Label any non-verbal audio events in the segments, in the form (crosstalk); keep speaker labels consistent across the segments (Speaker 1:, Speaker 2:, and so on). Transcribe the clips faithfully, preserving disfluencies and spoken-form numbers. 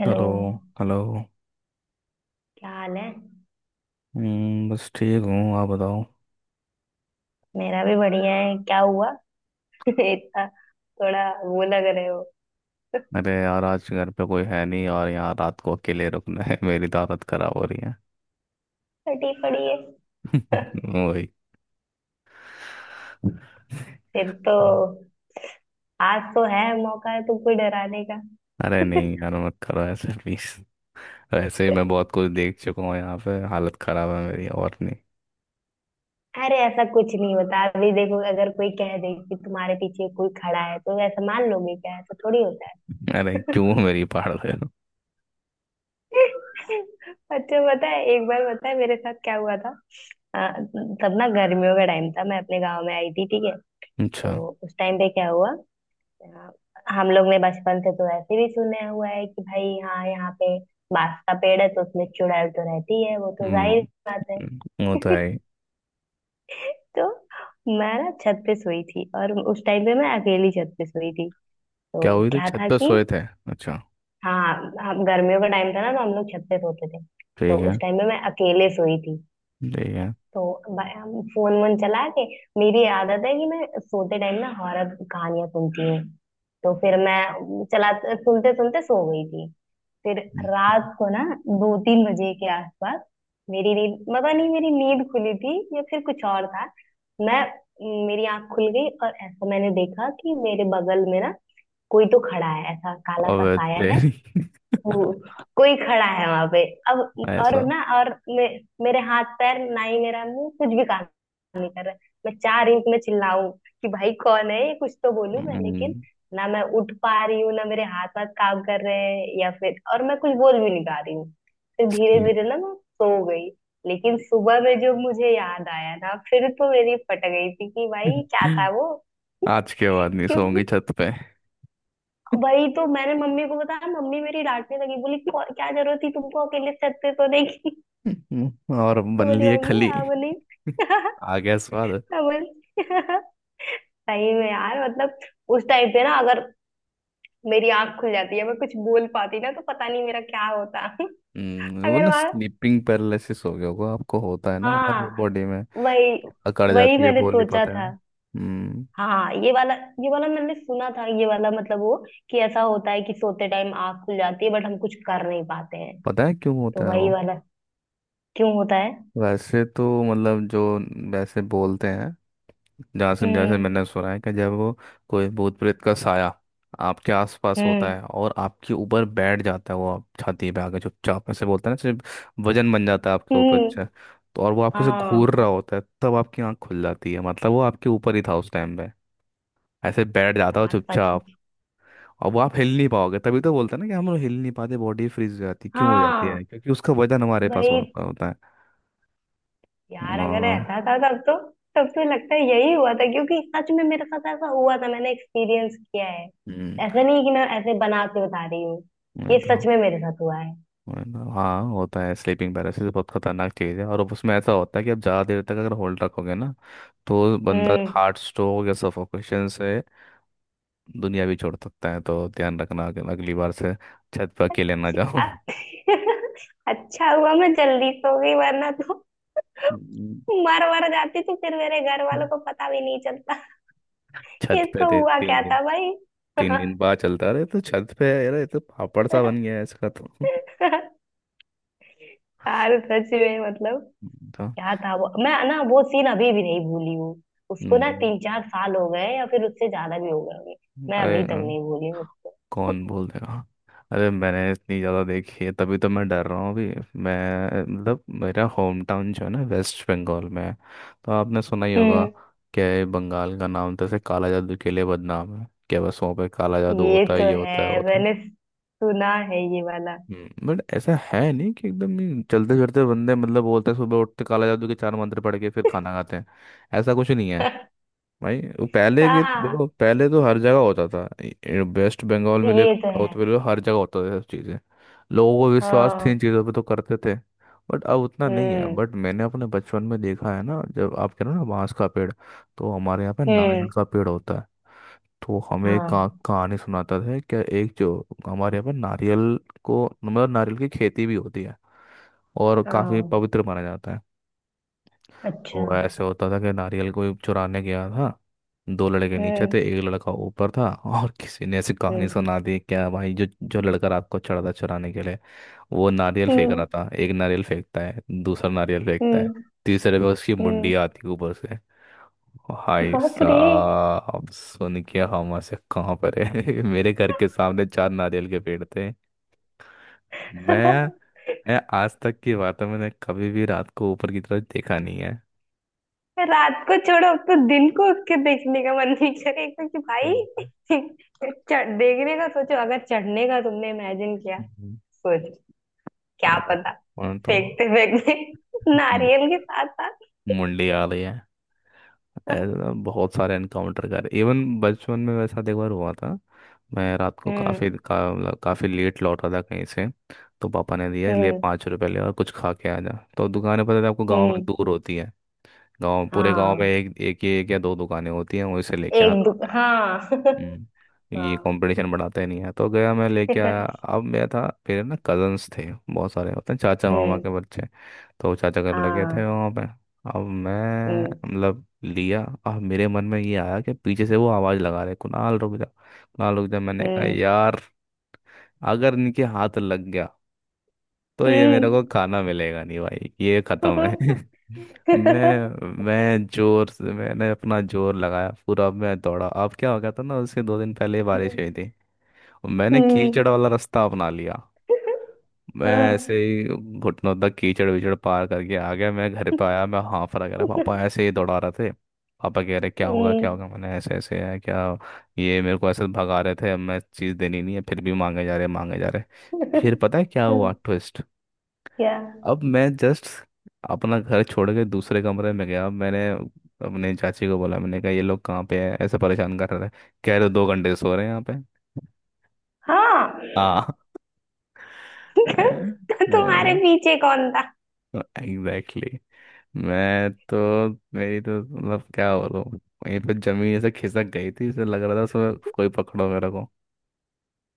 Speaker 1: Hello.
Speaker 2: Hello. Hello.
Speaker 1: क्या हाल है?
Speaker 2: हम्म, बस ठीक हूँ, आप बताओ।
Speaker 1: मेरा भी बढ़िया है। क्या हुआ? (laughs) इतना थोड़ा वो लग रहे हो।
Speaker 2: अरे यार, आज घर पे कोई है नहीं और यहाँ रात को अकेले रुकना है। (laughs) मेरी तो हालत खराब हो रही है।
Speaker 1: फटी पड़ी है। (laughs)
Speaker 2: (laughs) वही।
Speaker 1: फिर तो आज तो है, मौका है तुमको डराने का।
Speaker 2: अरे
Speaker 1: (laughs)
Speaker 2: नहीं यार, मत करो ऐसे, प्लीज। वैसे ही मैं बहुत कुछ देख चुका हूँ यहाँ पे, हालत खराब है मेरी, और नहीं।
Speaker 1: अरे ऐसा कुछ नहीं होता। अभी देखो, अगर कोई कह दे कि तुम्हारे पीछे कोई खड़ा है तो ऐसा मान लोगे क्या? ऐसा थोड़ी होता है।
Speaker 2: अरे
Speaker 1: (laughs)
Speaker 2: क्यों मेरी पाड़ दे रहे हो?
Speaker 1: अच्छा, पता है, एक बार पता है मेरे साथ क्या हुआ था। अ, तब ना गर्मियों का टाइम था, मैं अपने गांव में आई थी, ठीक है।
Speaker 2: अच्छा।
Speaker 1: तो उस टाइम पे क्या हुआ, हाँ, हम लोग ने बचपन से तो ऐसे भी सुने हुआ है कि भाई हाँ, यहाँ पे बांस का पेड़ है तो उसमें चुड़ैल तो रहती है, वो तो जाहिर
Speaker 2: हम्म।
Speaker 1: बात है।
Speaker 2: हम्म, वो तो
Speaker 1: (laughs)
Speaker 2: है ही।
Speaker 1: तो मैं ना छत पे सोई थी, और उस टाइम पे मैं अकेली छत पे सोई थी।
Speaker 2: क्या
Speaker 1: तो
Speaker 2: हुई थी?
Speaker 1: क्या
Speaker 2: छत
Speaker 1: था
Speaker 2: पे
Speaker 1: कि,
Speaker 2: सोए थे? अच्छा।
Speaker 1: हाँ, हम गर्मियों का टाइम था ना तो हम लोग छत पे सोते थे। तो
Speaker 2: ठीक है।
Speaker 1: उस टाइम पे मैं अकेले सोई थी।
Speaker 2: ठीक है।
Speaker 1: तो ब- हम फोन वोन चला के, मेरी आदत है कि मैं सोते टाइम ना हॉरर कहानियां सुनती हूँ। तो फिर मैं चला सुनते सुनते सो गई थी। फिर
Speaker 2: हम्म।
Speaker 1: रात को ना दो तीन बजे के आसपास, मेरी नींद पता नहीं मेरी नींद खुली थी या फिर कुछ और था। मैं मेरी आंख खुल गई और ऐसा मैंने देखा कि मेरे बगल में ना कोई तो खड़ा है, ऐसा काला सा
Speaker 2: अब
Speaker 1: साया है
Speaker 2: तेरी।
Speaker 1: वो। कोई खड़ा है वहां पे। अब,
Speaker 2: (laughs)
Speaker 1: और
Speaker 2: ऐसा।
Speaker 1: ना और मे, मेरे हाथ पैर, ना ही मेरा मुंह कुछ भी काम नहीं कर रहा है। मैं चार इंच में चिल्लाऊं कि भाई कौन है ये, कुछ तो बोलूं मैं, लेकिन
Speaker 2: हम्म।
Speaker 1: ना मैं उठ पा रही हूँ, ना मेरे हाथ पाथ काम कर रहे हैं या फिर, और मैं कुछ बोल भी नहीं पा रही हूँ। फिर धीरे धीरे ना मैं सो गई। लेकिन सुबह में जो मुझे याद आया ना, फिर तो मेरी फट गई थी कि भाई क्या था वो।
Speaker 2: आज के बाद नहीं सोऊंगी
Speaker 1: क्योंकि
Speaker 2: छत पे। (laughs)
Speaker 1: वही तो मैंने मम्मी को बताया, मम्मी मेरी डांटने लगी, बोली "क्यों- क्या जरूरत थी तुमको अकेले छत पे सोने की।" (laughs)
Speaker 2: हम्म, और
Speaker 1: मैं
Speaker 2: बन
Speaker 1: बोली
Speaker 2: लिए
Speaker 1: मम्मी,
Speaker 2: खली।
Speaker 1: हाँ बोली।
Speaker 2: (laughs)
Speaker 1: (laughs)
Speaker 2: आ गया स्वाद।
Speaker 1: मैं बोली। (laughs) सही में यार, मतलब उस टाइम पे ना, अगर मेरी आंख खुल जाती है, मैं कुछ बोल पाती ना, तो पता नहीं मेरा क्या होता।
Speaker 2: हम्म,
Speaker 1: (laughs)
Speaker 2: वो
Speaker 1: अगर
Speaker 2: ना
Speaker 1: वहां,
Speaker 2: स्लीपिंग पैरालिसिस हो गया होगा आपको, होता है ना हमारी
Speaker 1: हाँ,
Speaker 2: बॉडी में
Speaker 1: वही
Speaker 2: अकड़
Speaker 1: वही
Speaker 2: जाती है,
Speaker 1: मैंने
Speaker 2: बोली
Speaker 1: सोचा
Speaker 2: पता है?
Speaker 1: था।
Speaker 2: हम्म।
Speaker 1: हाँ, ये वाला ये वाला मैंने सुना था। ये वाला मतलब वो, कि ऐसा होता है कि सोते टाइम आंख खुल जाती है बट हम कुछ कर नहीं पाते हैं।
Speaker 2: पता है क्यों
Speaker 1: तो
Speaker 2: होता है
Speaker 1: वही
Speaker 2: वो?
Speaker 1: वाला। क्यों होता है?
Speaker 2: वैसे तो मतलब जो, वैसे बोलते हैं जासिम जैसे
Speaker 1: हम्म।
Speaker 2: मैंने सुना है कि जब वो कोई भूत प्रेत का साया आपके आसपास होता है
Speaker 1: हम्म।
Speaker 2: और आपके ऊपर बैठ जाता है, वो आप छाती पे आके चुपचाप ऐसे बोलता है ना, सिर्फ वजन बन जाता है आपके ऊपर।
Speaker 1: हम्म।
Speaker 2: अच्छा। तो और वो आपको से घूर
Speaker 1: हाँ।
Speaker 2: रहा होता है, तब आपकी आंख खुल जाती है, मतलब वो आपके ऊपर ही था उस टाइम पे। ऐसे बैठ जाता हो
Speaker 1: यार सच में।
Speaker 2: चुपचाप। और वो आप हिल नहीं पाओगे, तभी तो बोलते हैं ना कि हम लोग हिल नहीं पाते, बॉडी फ्रीज हो जाती है, क्यों हो जाती
Speaker 1: हाँ
Speaker 2: है? क्योंकि उसका वजन हमारे पास
Speaker 1: वही।
Speaker 2: होता होता है।
Speaker 1: यार अगर
Speaker 2: आ,
Speaker 1: ऐसा था तब तो तब तो लगता है यही हुआ था। क्योंकि सच में मेरे साथ ऐसा हुआ था, मैंने एक्सपीरियंस किया है।
Speaker 2: हम्म।
Speaker 1: ऐसा नहीं है कि मैं ऐसे बना के बता रही हूँ, ये
Speaker 2: नहीं तो।
Speaker 1: सच में मेरे साथ हुआ है।
Speaker 2: वरना- हाँ होता है, स्लीपिंग पैरालिसिस बहुत खतरनाक चीज़ है और उसमें ऐसा होता है कि आप ज़्यादा देर तक अगर होल्ड रखोगे ना, तो बंदा
Speaker 1: हम्म।
Speaker 2: हार्ट स्ट्रोक या सफोकेशन से दुनिया भी छोड़ सकता है, तो ध्यान रखना कि अगली बार से छत पर अकेले ना जाओ।
Speaker 1: अ- (laughs) अच्छा हुआ मैं जल्दी सो गई, वरना तो
Speaker 2: हम्म।
Speaker 1: मर वर जाती तो फिर मेरे घर वालों को पता भी नहीं चलता (laughs) कि
Speaker 2: छत पे
Speaker 1: इसको
Speaker 2: थे
Speaker 1: हुआ क्या
Speaker 2: तीन
Speaker 1: था।
Speaker 2: दिन तीन दिन बाद चलता रहे तो छत पे, यार ये तो पापड़ सा
Speaker 1: भाई।
Speaker 2: बन गया है इसका तो। (laughs)
Speaker 1: (laughs) यार सच में, मतलब
Speaker 2: हम्म, तो,
Speaker 1: क्या था वो, मैं ना वो सीन अभी भी नहीं भूली हूँ। उसको ना
Speaker 2: हम्म,
Speaker 1: तीन चार साल हो गए या फिर उससे ज्यादा भी हो गए होंगे। मैं
Speaker 2: अरे
Speaker 1: अभी तक
Speaker 2: हाँ।
Speaker 1: नहीं भूली हूँ।
Speaker 2: कौन बोल देगा? अरे मैंने इतनी ज़्यादा देखी है, तभी तो मैं डर रहा हूँ अभी। मैं मतलब मेरा होम टाउन जो है ना, वेस्ट बंगाल में है। तो आपने सुना ही होगा
Speaker 1: हम्म।
Speaker 2: कि बंगाल का नाम तो ऐसे काला जादू के लिए बदनाम है, क्या बस वहाँ पे काला जादू
Speaker 1: ये
Speaker 2: होता है?
Speaker 1: तो
Speaker 2: ये
Speaker 1: है।
Speaker 2: होता है, होता है।
Speaker 1: मैंने सुना है ये वाला।
Speaker 2: हम्म, बट ऐसा है नहीं कि एकदम ही चलते फिरते बंदे, मतलब बोलते हैं सुबह उठते काला जादू के चार मंत्र पढ़ के फिर खाना खाते हैं। ऐसा कुछ नहीं।
Speaker 1: (laughs)
Speaker 2: भाई, वो पहले के
Speaker 1: हाँ,
Speaker 2: देखो, पहले तो हर जगह होता था। वेस्ट बंगाल में ले
Speaker 1: ये
Speaker 2: लो,
Speaker 1: तो
Speaker 2: साउथ
Speaker 1: है।
Speaker 2: में ले लो, हर जगह होता था सब चीज़ें। लोगों को विश्वास थी इन
Speaker 1: हाँ।
Speaker 2: चीज़ों पे तो करते थे। बट अब उतना नहीं है।
Speaker 1: हम्म।
Speaker 2: बट मैंने अपने बचपन में देखा है ना, जब आप कह रहे हो ना बांस का पेड़, तो हमारे यहाँ पे नारियल
Speaker 1: हम्म।
Speaker 2: का पेड़ होता है। तो हमें एक
Speaker 1: हाँ।
Speaker 2: कहा- कहानी सुनाता था क्या एक जो हमारे यहाँ पे नारियल को, मतलब नारियल की खेती भी होती है और काफ़ी
Speaker 1: हाँ।
Speaker 2: पवित्र माना जाता है।
Speaker 1: अच्छा।
Speaker 2: तो ऐसे होता था कि नारियल कोई चुराने गया था। दो लड़के नीचे थे,
Speaker 1: हम्म।
Speaker 2: एक लड़का ऊपर था। और किसी ने ऐसी कहानी
Speaker 1: हम्म।
Speaker 2: सुना दी क्या, भाई जो जो लड़का रात को चढ़ा था चुराने के लिए, वो नारियल फेंक
Speaker 1: हम्म।
Speaker 2: रहा था। एक नारियल फेंकता है, दूसरा नारियल फेंकता है,
Speaker 1: हम्म।
Speaker 2: तीसरे पे उसकी
Speaker 1: हम्म।
Speaker 2: मुंडी आती है ऊपर से। हाय
Speaker 1: बाप रे।
Speaker 2: साहब सुन के, हम ऐसे कहाँ पर है? (laughs) मेरे घर के सामने चार नारियल के पेड़ थे। मैं
Speaker 1: (laughs)
Speaker 2: मैं आज तक की बात है, मैंने कभी भी रात को ऊपर की तरफ देखा नहीं है।
Speaker 1: रात को छोड़ो, अब तो दिन को उसके देखने का मन नहीं करेगा कि भाई चढ़ देखने का, सोचो अगर चढ़ने का तुमने इमेजिन किया,
Speaker 2: हम्म।
Speaker 1: सोच, क्या पता
Speaker 2: और तो
Speaker 1: फेंकते फेंकते (laughs)
Speaker 2: मु-
Speaker 1: नारियल के साथ साथ।
Speaker 2: मुंडी आ रही है। ऐसा बहुत सारे एनकाउंटर कर, इवन बचपन में वैसा एक बार हुआ था। मैं रात को
Speaker 1: हम्म।
Speaker 2: काफ़ी का, मतलब काफ़ी लेट लौटा था कहीं से, तो पापा ने दिया ले,
Speaker 1: हम्म।
Speaker 2: पाँच रुपए ले और कुछ खा के आ जा। तो दुकानें पता है आपको, गांव में
Speaker 1: हम्म।
Speaker 2: दूर होती है। गांव, पूरे गांव में
Speaker 1: हाँ।
Speaker 2: एक एक, एक या दो दुकानें होती हैं, वहीं से लेके
Speaker 1: एक दु
Speaker 2: आना।
Speaker 1: हाँ। (laughs)
Speaker 2: हम्म, ये
Speaker 1: हाँ।
Speaker 2: कंपटीशन बढ़ाते नहीं है। तो गया मैं लेके आया,
Speaker 1: (laughs)
Speaker 2: अब मैं था फिर ना, कजन्स थे बहुत सारे होते हैं चाचा मामा के
Speaker 1: हम्म।
Speaker 2: बच्चे। तो चाचा घर लगे थे
Speaker 1: हाँ।
Speaker 2: वहाँ पे। अब मैं
Speaker 1: हम्म।
Speaker 2: मतलब लिया, अब मेरे मन में ये आया कि पीछे से वो आवाज़ लगा रहे, कुणाल रुक जा, कुणाल रुक जा। मैंने कहा
Speaker 1: हम्म।
Speaker 2: यार, अगर इनके हाथ लग गया तो ये मेरे को खाना मिलेगा नहीं, भाई ये खत्म है।
Speaker 1: हम्म। (laughs)
Speaker 2: (laughs) मैं मैं जोर से, मैंने अपना जोर लगाया पूरा, मैं दौड़ा। अब क्या हो गया था ना, उसके दो दिन पहले बारिश हुई
Speaker 1: हम्म,
Speaker 2: थी, तो मैंने
Speaker 1: हम्म,
Speaker 2: कीचड़ वाला रास्ता अपना लिया।
Speaker 1: (laughs)
Speaker 2: मैं ऐसे
Speaker 1: हाँ,
Speaker 2: ही घुटनों तक कीचड़ विचड़ पार करके आ गया, मैं घर पे आया, मैं हाँफ रहा रहा, पापा
Speaker 1: (laughs)
Speaker 2: ऐसे ही दौड़ा रहे थे। पापा कह रहे क्या होगा
Speaker 1: हम्म।
Speaker 2: क्या होगा, मैंने ऐसे ऐसे है क्या। ये मेरे को ऐसे भगा रहे थे, अब मैं चीज़ देनी नहीं है, फिर भी मांगे जा रहे मांगे जा रहे। फिर पता है क्या
Speaker 1: क्या?
Speaker 2: हुआ ट्विस्ट? अब मैं जस्ट अपना घर छोड़ के दूसरे कमरे में गया, मैंने अपने चाची को बोला, मैंने कहा ये लोग कहाँ पे है, ऐसे परेशान कर रहे थे। कह रहे दो घंटे से सो रहे हैं यहाँ पे।
Speaker 1: हाँ।
Speaker 2: हाँ।
Speaker 1: (laughs) तुम्हारे
Speaker 2: (laughs)
Speaker 1: पीछे कौन था?
Speaker 2: Exactly exactly। मैं तो, मेरी तो मतलब क्या बोलूं, मेरी तो जमीन ऐसे खिसक गई थी, ऐसे लग रहा था उसमें कोई पकड़ो मेरे को।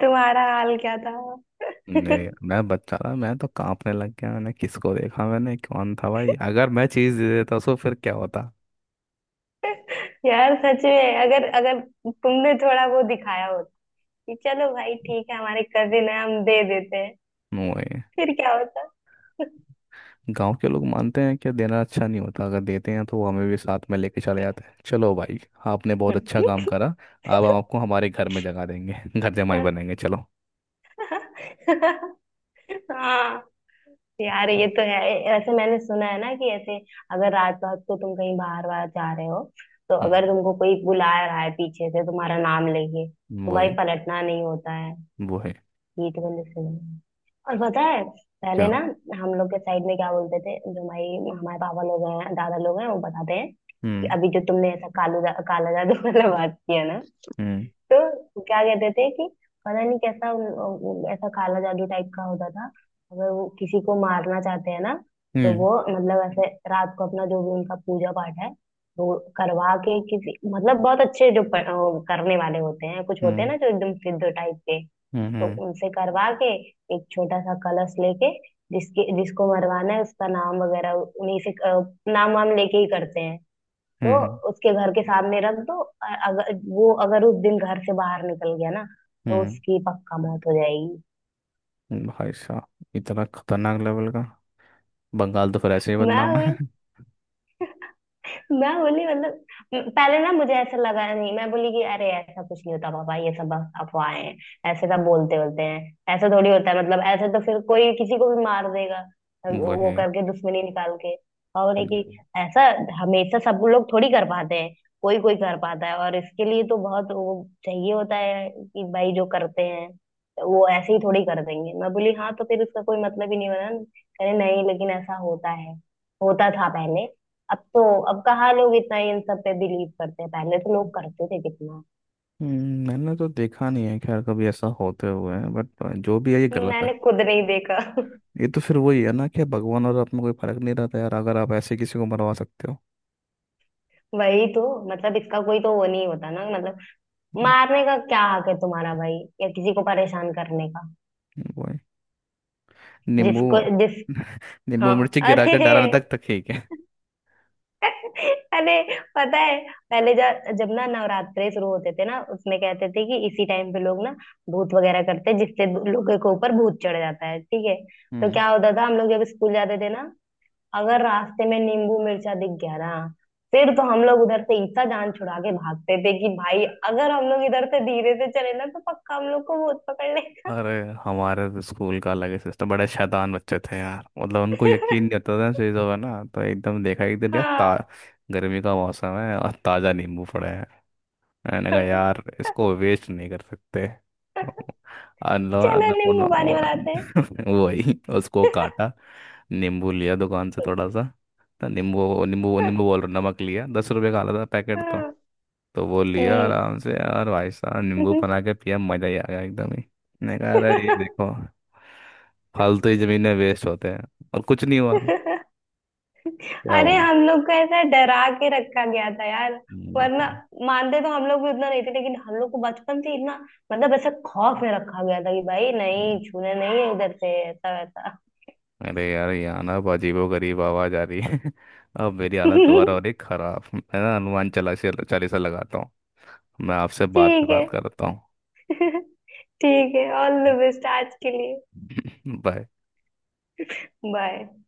Speaker 1: तुम्हारा हाल क्या था?
Speaker 2: नहीं मैं बच्चा था, मैं तो कांपने लग गया। मैंने किसको देखा, मैंने कौन था भाई, अगर मैं चीज दे देता उसको फिर क्या होता?
Speaker 1: यार सच में, अगर अगर तुमने थोड़ा वो दिखाया होता कि चलो भाई ठीक है हमारे कजिन है, हम दे देते हैं,
Speaker 2: वही।
Speaker 1: फिर क्या होता?
Speaker 2: गांव के लोग मानते हैं कि देना अच्छा नहीं होता, अगर देते हैं तो वो हमें भी साथ में लेके चले जाते हैं। चलो भाई, आपने बहुत अच्छा काम करा, अब हम आपको हमारे घर में जगा देंगे। (laughs) घर जमाई
Speaker 1: (laughs)
Speaker 2: बनेंगे चलो।
Speaker 1: हाँ यार, ये तो है। ऐसे मैंने सुना है ना, कि ऐसे अगर रात रात को तुम कहीं बाहर बाहर जा रहे हो, तो अगर
Speaker 2: हम्म।
Speaker 1: तुमको कोई बुला रहा है पीछे से तुम्हारा नाम लेके, तो भाई
Speaker 2: वही।
Speaker 1: पलटना नहीं होता है।
Speaker 2: वो है।
Speaker 1: ये तो मैंने सुना है। और पता है, पहले
Speaker 2: क्या।
Speaker 1: ना हम लोग के साइड में क्या बोलते थे, जो हमारी हमारे पापा लोग हैं, दादा लोग हैं, वो बताते हैं कि
Speaker 2: हम्म।
Speaker 1: अभी जो तुमने ऐसा कालू जा, काला जादू वाला बात किया ना,
Speaker 2: हम्म।
Speaker 1: तो क्या कहते थे, कि पता नहीं कैसा उन- उन- ऐसा काला जादू टाइप का होता था। अगर वो किसी को मारना चाहते हैं ना, तो
Speaker 2: हम्म।
Speaker 1: वो मतलब ऐसे रात को अपना जो भी उनका पूजा पाठ है, वो करवा के, किसी मतलब बहुत अच्छे जो प- वो करने वाले होते हैं, कुछ होते हैं
Speaker 2: हम्म।
Speaker 1: ना जो एकदम सिद्ध टाइप के, तो
Speaker 2: हम्म।
Speaker 1: उनसे करवा के, एक छोटा सा कलश लेके, जिसके जिसको मरवाना है उसका नाम वगैरह उन्हीं से, अ, नाम वाम लेके ही करते हैं। तो
Speaker 2: हम्म।
Speaker 1: उसके घर के सामने रख दो, अ- अगर वो अगर उस दिन घर से बाहर निकल गया ना, तो
Speaker 2: हम्म।
Speaker 1: उसकी पक्का मौत हो जाएगी।
Speaker 2: भाई साहब, इतना खतरनाक लेवल का, बंगाल तो फिर ऐसे ही बदनाम है।
Speaker 1: मैं मैं बोली मतलब, म- पहले ना मुझे ऐसा लगा नहीं, मैं बोली कि अरे ऐसा कुछ नहीं होता पापा, ये सब बस अफवाहें हैं। ऐसे सब बोलते बोलते हैं, ऐसा थोड़ी होता है, मतलब ऐसे तो फिर कोई किसी को भी मार देगा,
Speaker 2: (laughs)
Speaker 1: वो
Speaker 2: वही।
Speaker 1: करके दुश्मनी निकाल के। और बोले कि ऐसा हमेशा सब लोग थोड़ी कर पाते हैं, कोई कोई कर पाता है, और इसके लिए तो बहुत वो चाहिए होता है कि भाई जो करते हैं, तो वो ऐसे ही थोड़ी कर देंगे। मैं बोली हाँ, तो फिर उसका कोई मतलब ही नहीं बना। कहे नहीं, लेकिन ऐसा होता है, होता था पहले। अब तो अब कहाँ लोग इतना इन सब पे बिलीव करते हैं, पहले तो लोग करते थे कितना।
Speaker 2: हम्म, मैंने तो देखा नहीं है खैर कभी ऐसा होते हुए, बट जो भी है ये गलत है।
Speaker 1: मैंने खुद नहीं देखा। (laughs)
Speaker 2: ये तो फिर वही है ना कि भगवान और आप में कोई फर्क नहीं रहता यार, अगर आप ऐसे किसी को मरवा सकते हो।
Speaker 1: वही तो, मतलब इसका कोई तो वो नहीं होता ना मतलब,
Speaker 2: हम्म,
Speaker 1: मारने का क्या हक है तुम्हारा भाई, या किसी को परेशान करने का?
Speaker 2: वही। नींबू
Speaker 1: जिसको जिस
Speaker 2: (laughs) नींबू
Speaker 1: हाँ।
Speaker 2: मिर्ची गिरा
Speaker 1: अरे।
Speaker 2: कर डराने तक तो ठीक है।
Speaker 1: (laughs) अरे, पता है, पहले जा- जब ना नवरात्रे शुरू होते थे ना, उसमें कहते थे कि इसी टाइम पे लोग ना भूत वगैरह करते हैं, जिससे दो- लोगों के ऊपर भूत चढ़ जाता है, ठीक है। तो
Speaker 2: हम्म।
Speaker 1: क्या होता था, हम लोग जब स्कूल जाते थे ना, अगर रास्ते में नींबू मिर्चा दिख गया ना, फिर तो हम लोग उधर से इतना जान छुड़ा के भागते थे कि भाई अगर हम लोग इधर से धीरे से चले ना, तो पक्का हम लोग को भूत पकड़ लेगा।
Speaker 2: अरे हमारे तो स्कूल का अलग ही सिस्टम, बड़े शैतान बच्चे थे यार मतलब, उनको यकीन नहीं होता
Speaker 1: (laughs)
Speaker 2: था इन चीज़ों का ना, तो एकदम देखा एक दिन यार ता
Speaker 1: हाँ।
Speaker 2: गर्मी का मौसम है और ताज़ा नींबू पड़े। मैंने कहा यार
Speaker 1: (laughs)
Speaker 2: इसको वेस्ट नहीं कर सकते। अनलो
Speaker 1: चलो
Speaker 2: अन्नपूर्णा।
Speaker 1: नींबू पानी बनाते हैं।
Speaker 2: (laughs) वही उसको काटा, नींबू लिया दुकान से थोड़ा सा। तो नींबू नींबू नींबू बोल
Speaker 1: (laughs)
Speaker 2: रहा, नमक लिया दस रुपए का आला था पैकेट तो।
Speaker 1: हाँ,
Speaker 2: तो वो लिया
Speaker 1: हम्म।
Speaker 2: आराम से यार, भाई साहब नींबू बना के पिया मजा ही आ गया एकदम ही। मैंने कहा अरे ये देखो, फालतू ही जमीन में वेस्ट होते हैं। और कुछ नहीं हुआ।
Speaker 1: (laughs)
Speaker 2: क्या
Speaker 1: अरे
Speaker 2: हुआ?
Speaker 1: हम लोग को ऐसा डरा के रखा गया था यार।
Speaker 2: हम्म,
Speaker 1: वरना
Speaker 2: निकले।
Speaker 1: मानते तो हम लोग भी उतना नहीं थे, लेकिन हम लोग को बचपन से इतना, मतलब ऐसा खौफ में रखा गया था कि भाई नहीं, छूने नहीं है इधर से ऐसा वैसा।
Speaker 2: अरे यार यहाँ ना अब अजीबोगरीब आवाज आ रही है। (laughs) अब मेरी हालत दोबारा हो रही है
Speaker 1: (laughs)
Speaker 2: खराब, मैं ना हनुमान चालीसा चालीसा लगाता हूँ। मैं आपसे बाद में
Speaker 1: ठीक है।
Speaker 2: बात करता हूँ।
Speaker 1: (laughs) ठीक है, ऑल द बेस्ट आज के लिए।
Speaker 2: (laughs) बाय।
Speaker 1: बाय।